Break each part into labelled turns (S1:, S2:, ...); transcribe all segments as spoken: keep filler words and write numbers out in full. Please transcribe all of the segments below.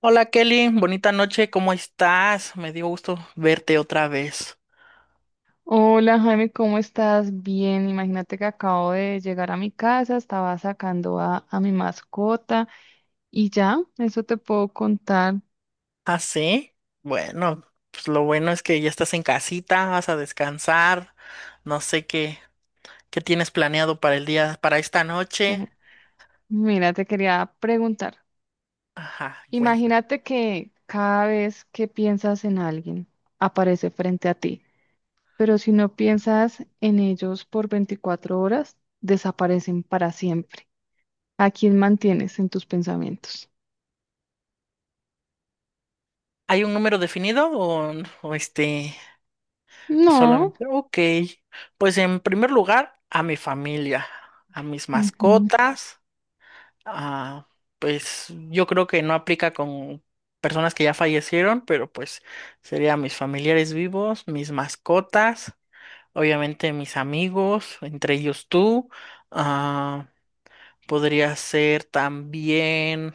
S1: Hola Kelly, bonita noche, ¿cómo estás? Me dio gusto verte otra vez.
S2: Hola Jaime, ¿cómo estás? Bien, imagínate que acabo de llegar a mi casa, estaba sacando a, a mi mascota y ya, eso te puedo contar.
S1: ¿Ah, sí? Bueno, pues lo bueno es que ya estás en casita, vas a descansar. No sé qué, qué tienes planeado para el día, para esta noche.
S2: Ujú. Mira, te quería preguntar,
S1: Ajá, cuenta.
S2: imagínate que cada vez que piensas en alguien, aparece frente a ti, pero si no piensas en ellos por veinticuatro horas, desaparecen para siempre. ¿A quién mantienes en tus pensamientos?
S1: ¿Hay un número definido o, o este,
S2: No.
S1: solamente? Ok, pues en primer lugar, a mi familia, a mis mascotas. Ah, pues yo creo que no aplica con personas que ya fallecieron, pero pues serían mis familiares vivos, mis mascotas, obviamente mis amigos, entre ellos tú. Ah, podría ser también,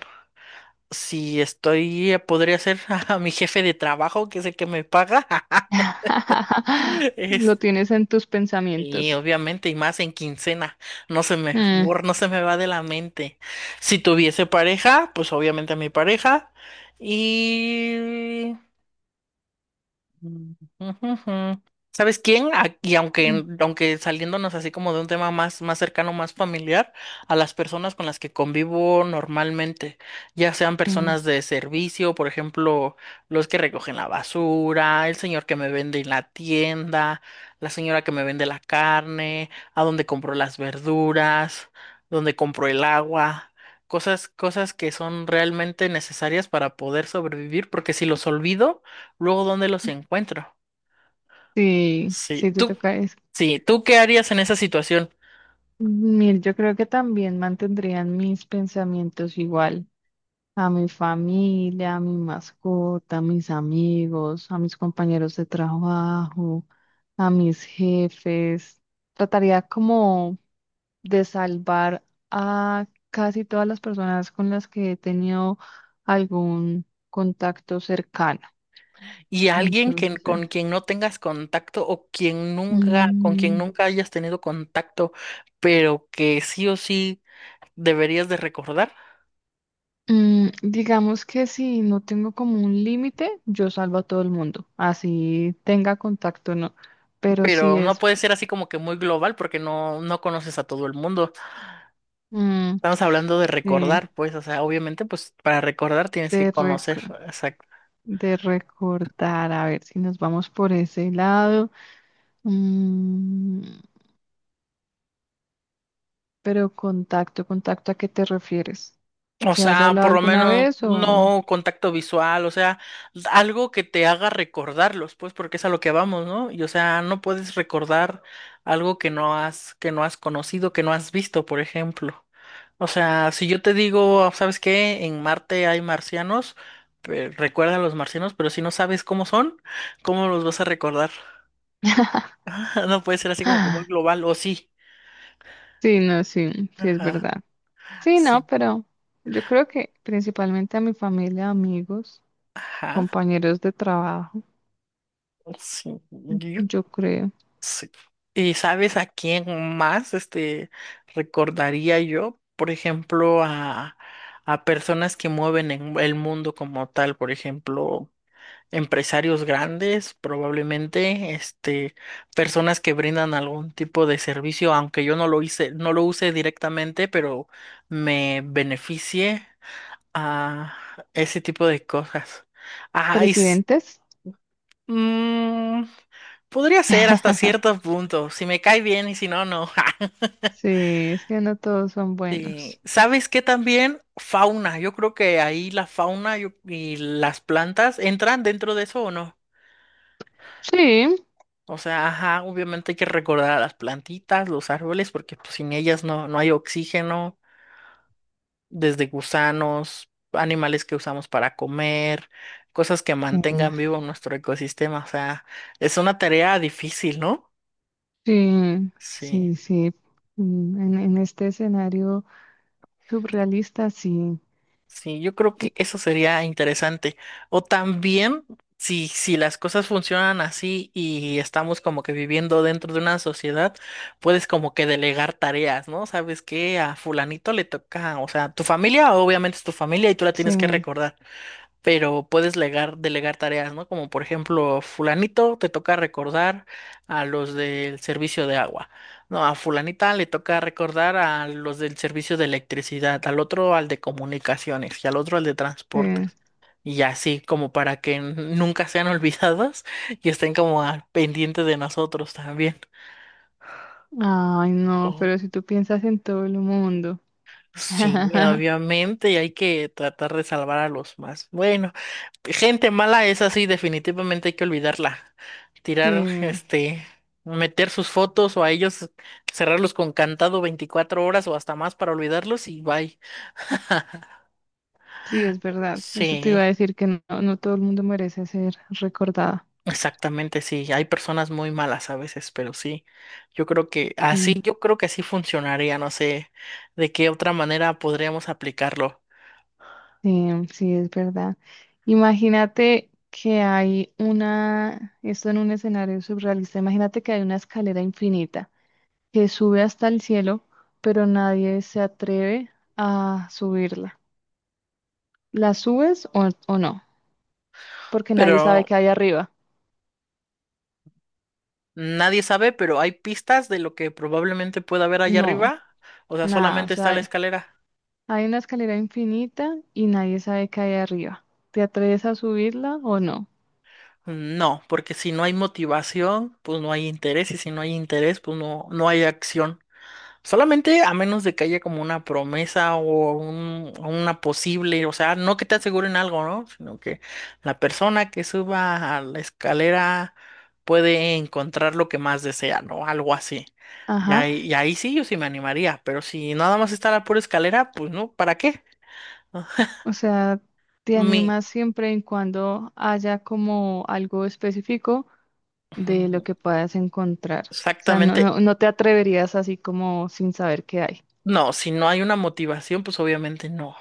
S1: si estoy, podría ser a mi jefe de trabajo, que es el que me paga. Este,
S2: Lo tienes en tus
S1: Y
S2: pensamientos.
S1: obviamente, y más en quincena, no se me,
S2: Mm,
S1: bor- no se me va de la mente. Si tuviese pareja, pues obviamente a mi pareja. Y Mm, ujujú. ¿Sabes quién? A- Y aunque,
S2: mm,
S1: aunque saliéndonos así como de un tema más, más cercano, más familiar, a las personas con las que convivo normalmente, ya sean
S2: mm.
S1: personas de servicio, por ejemplo, los que recogen la basura, el señor que me vende en la tienda, la señora que me vende la carne, a donde compro las verduras, donde compro el agua. Cosas, cosas que son realmente necesarias para poder sobrevivir, porque si los olvido, luego, ¿dónde los encuentro?
S2: Sí, sí,
S1: Sí,
S2: te
S1: tú,
S2: toca eso.
S1: sí, ¿tú qué harías en esa situación?
S2: Mir, yo creo que también mantendrían mis pensamientos igual a mi familia, a mi mascota, a mis amigos, a mis compañeros de trabajo, a mis jefes. Trataría como de salvar a casi todas las personas con las que he tenido algún contacto cercano.
S1: Y alguien que,
S2: Entonces, eh,
S1: con quien no tengas contacto o quien nunca, con quien
S2: mm,
S1: nunca, hayas tenido contacto, pero que sí o sí deberías de recordar,
S2: mm, digamos que si no tengo como un límite, yo salvo a todo el mundo, así tenga contacto o no. Pero si
S1: pero no
S2: es
S1: puede ser así como que muy global porque no, no conoces a todo el mundo.
S2: mm,
S1: Estamos hablando de
S2: eh,
S1: recordar, pues, o sea, obviamente, pues para recordar tienes que
S2: de,
S1: conocer,
S2: reco-
S1: exacto.
S2: de recordar, a ver si nos vamos por ese lado. Mm, pero contacto, contacto, ¿a qué te refieres?
S1: O
S2: ¿Que haya
S1: sea,
S2: hablado
S1: por lo
S2: alguna
S1: menos
S2: vez o...?
S1: no contacto visual, o sea, algo que te haga recordarlos, pues, porque es a lo que vamos, ¿no? Y o sea, no puedes recordar algo que no has, que no has, conocido, que no has visto, por ejemplo. O sea, si yo te digo, ¿sabes qué? En Marte hay marcianos, pe- recuerda a los marcianos, pero si no sabes cómo son, ¿cómo los vas a recordar? No puede ser así como que muy
S2: Ah,
S1: global, o sí.
S2: sí, no, sí, sí es
S1: Ajá,
S2: verdad. Sí, no,
S1: sí.
S2: pero yo creo que principalmente a mi familia, amigos,
S1: Ajá,
S2: compañeros de trabajo,
S1: sí. Yo
S2: yo creo.
S1: Sí. ¿Y sabes a quién más este recordaría yo? Por ejemplo, a, a personas que mueven en el mundo como tal, por ejemplo, empresarios grandes, probablemente, este, personas que brindan algún tipo de servicio, aunque yo no lo hice, no lo use directamente, pero me beneficie a ese tipo de cosas. Ajá, y s-
S2: Presidentes.
S1: mm, podría ser hasta cierto punto. Si me cae bien y si no, no.
S2: Sí, es que no todos son
S1: Sí.
S2: buenos.
S1: ¿Sabes qué también? Fauna. Yo creo que ahí la fauna yo- y las plantas entran dentro de eso o no.
S2: Sí.
S1: O sea, ajá, obviamente hay que recordar a las plantitas, los árboles, porque pues, sin ellas no, no hay oxígeno, desde gusanos, animales que usamos para comer, cosas que
S2: Mm.
S1: mantengan vivo nuestro ecosistema. O sea, es una tarea difícil, ¿no?
S2: Sí,
S1: Sí.
S2: sí, sí. Mm. En, en este escenario surrealista, sí.
S1: Sí, yo creo que
S2: Y
S1: eso sería interesante. O también, si, si las cosas funcionan así y estamos como que viviendo dentro de una sociedad, puedes como que delegar tareas, ¿no? ¿Sabes qué? A fulanito le toca, o sea, tu familia obviamente es tu familia y tú la
S2: sí,
S1: tienes que recordar, pero puedes legar- delegar tareas, ¿no? Como por ejemplo, fulanito te toca recordar a los del servicio de agua, no, a fulanita le toca recordar a los del servicio de electricidad, al otro al de comunicaciones y al otro al de
S2: sí.
S1: transportes. Y así, como para que n- nunca sean olvidadas y estén como al pendiente de nosotros también.
S2: Ay, no,
S1: Oh,
S2: pero si tú piensas en todo el mundo.
S1: sí, obviamente, y hay que tratar de salvar a los más. Bueno, gente mala es así, definitivamente hay que olvidarla.
S2: Sí.
S1: Tirar, este, meter sus fotos o a ellos cerrarlos con cantado veinticuatro horas o hasta más para olvidarlos y bye.
S2: Sí, es verdad. Eso te iba
S1: Sí,
S2: a decir que no, no todo el mundo merece ser recordado.
S1: exactamente, sí. Hay personas muy malas a veces, pero sí. Yo creo que así,
S2: Mm.
S1: yo creo que así funcionaría. No sé de qué otra manera podríamos aplicarlo.
S2: Eh, sí, es verdad. Imagínate que hay una, esto en un escenario surrealista, imagínate que hay una escalera infinita que sube hasta el cielo, pero nadie se atreve a subirla. ¿La subes o, o no? Porque nadie sabe
S1: Pero
S2: qué hay arriba.
S1: nadie sabe, pero hay pistas de lo que probablemente pueda haber allá
S2: No,
S1: arriba. O sea,
S2: nada. O
S1: solamente está la
S2: sea,
S1: escalera.
S2: hay una escalera infinita y nadie sabe qué hay arriba. ¿Te atreves a subirla o no?
S1: No, porque si no hay motivación, pues no hay interés, y si no hay interés, pues no, no hay acción. Solamente a menos de que haya como una promesa o un- o una posible, o sea, no que te aseguren algo, ¿no? Sino que la persona que suba a la escalera puede encontrar lo que más desea, ¿no? Algo así. Y
S2: Ajá,
S1: ahí, y ahí sí yo sí me animaría, pero si nada más está la pura escalera, pues no, ¿para qué?
S2: o sea, te
S1: Mi,
S2: animas siempre y cuando haya como algo específico de lo que puedas encontrar. O sea, no,
S1: exactamente.
S2: no, no te atreverías así como sin saber qué hay.
S1: No, si no hay una motivación, pues obviamente no.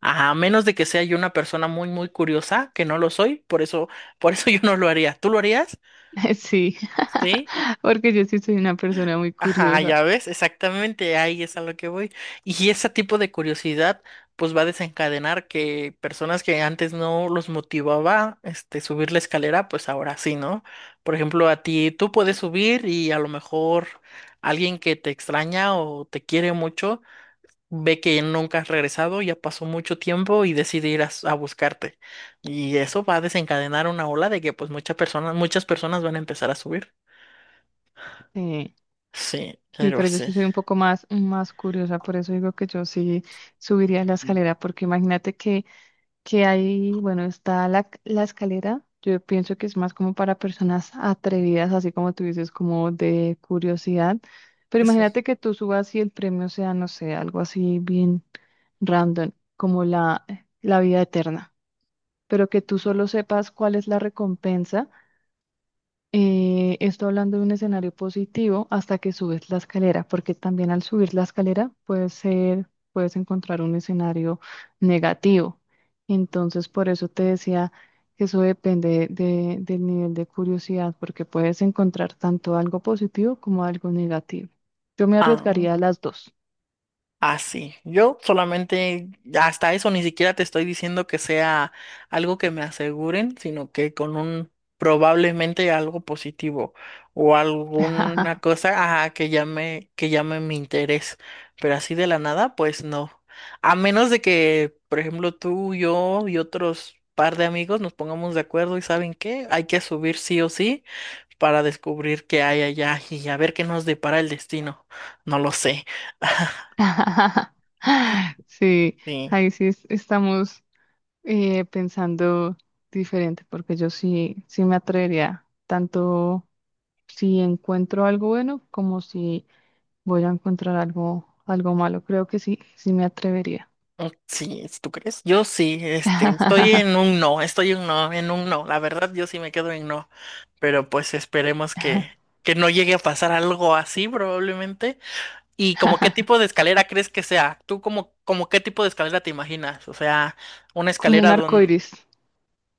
S1: A menos de que sea yo una persona muy, muy curiosa, que no lo soy, por eso, por eso yo no lo haría. ¿Tú lo harías?
S2: Sí,
S1: Sí.
S2: porque yo sí soy una persona muy
S1: Ajá,
S2: curiosa.
S1: ya ves, exactamente, ahí es a lo que voy. Y ese tipo de curiosidad, pues va a desencadenar que personas que antes no los motivaba, este, subir la escalera, pues ahora sí, ¿no? Por ejemplo, a ti, tú puedes subir y a lo mejor alguien que te extraña o te quiere mucho ve que nunca has regresado, ya pasó mucho tiempo y decide ir a, s- a buscarte. Y eso va a desencadenar una ola de que pues muchas personas, muchas personas van a empezar a subir.
S2: Sí,
S1: Sí,
S2: sí,
S1: pero
S2: pero yo
S1: sí.
S2: sí soy un poco más, más curiosa, por eso digo que yo sí subiría la escalera, porque imagínate que que hay, bueno, está la, la escalera. Yo pienso que es más como para personas atrevidas, así como tú dices, como de curiosidad. Pero
S1: Eso.
S2: imagínate que tú subas y el premio sea, no sé, algo así bien random, como la, la vida eterna, pero que tú solo sepas cuál es la recompensa. Eh, esto hablando de un escenario positivo hasta que subes la escalera, porque también al subir la escalera puede ser, puedes encontrar un escenario negativo. Entonces, por eso te decía que eso depende de- del nivel de curiosidad, porque puedes encontrar tanto algo positivo como algo negativo. Yo me arriesgaría a las dos.
S1: Así, yo solamente, hasta eso ni siquiera te estoy diciendo que sea algo que me aseguren, sino que con un probablemente algo positivo o alguna cosa, ajá, que llame, que llame mi interés, pero así de la nada, pues no. A menos de que, por ejemplo, tú, yo y otros par de amigos nos pongamos de acuerdo y ¿saben qué? Hay que subir sí o sí para descubrir qué hay allá y a ver qué nos depara el destino. No lo sé.
S2: Sí,
S1: Sí.
S2: ahí sí es- estamos eh, pensando diferente, porque yo sí, sí me atrevería, tanto si encuentro algo bueno como si voy a encontrar algo, algo malo. Creo que sí, sí me atrevería.
S1: Mm, sí, ¿tú crees? Yo sí, este, estoy en un no, estoy en un no, en un no. La verdad, yo sí me quedo en no. Pero pues esperemos que, que no llegue a pasar algo así probablemente. ¿Y como qué tipo de escalera crees que sea? ¿Tú como, como qué tipo de escalera te imaginas? O sea, una
S2: Como un
S1: escalera
S2: arco
S1: donde...
S2: iris.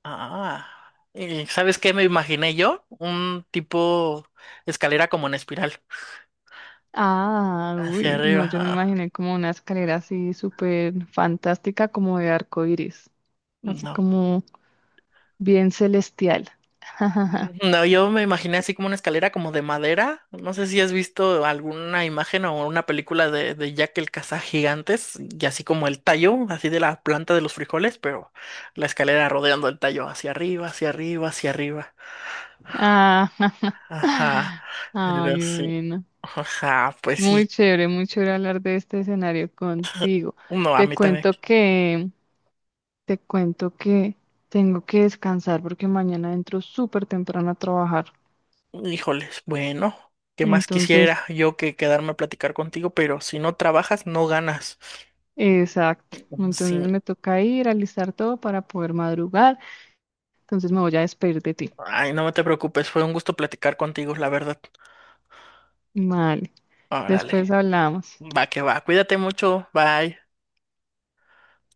S1: Ah, eh, ¿sabes qué me imaginé yo? Un tipo escalera como en espiral,
S2: Ah,
S1: hacia
S2: uy,
S1: arriba.
S2: no, yo me
S1: Ah,
S2: imaginé como una escalera así súper fantástica, como de arco iris, así
S1: no.
S2: como bien celestial.
S1: No, yo me imaginé así como una escalera como de madera. No sé si has visto alguna imagen o una película de, de, Jack el Cazagigantes y así como el tallo, así de la planta de los frijoles, pero la escalera rodeando el tallo hacia arriba, hacia arriba, hacia arriba.
S2: Ah,
S1: Ajá, era
S2: ay,
S1: así.
S2: bueno.
S1: Ajá, pues
S2: Muy
S1: sí.
S2: chévere, muy chévere hablar de este escenario contigo.
S1: No, a
S2: Te
S1: mí también.
S2: cuento que, te cuento que tengo que descansar porque mañana entro súper temprano a trabajar.
S1: Híjoles, bueno, ¿qué más
S2: Entonces,
S1: quisiera yo que quedarme a platicar contigo? Pero si no trabajas, no ganas.
S2: exacto.
S1: Sí.
S2: Entonces me toca ir, a alistar todo para poder madrugar. Entonces me voy a despedir de ti.
S1: Ay, no te preocupes, fue un gusto platicar contigo, la verdad.
S2: Vale,
S1: Órale,
S2: después hablamos.
S1: va que va, cuídate mucho, bye.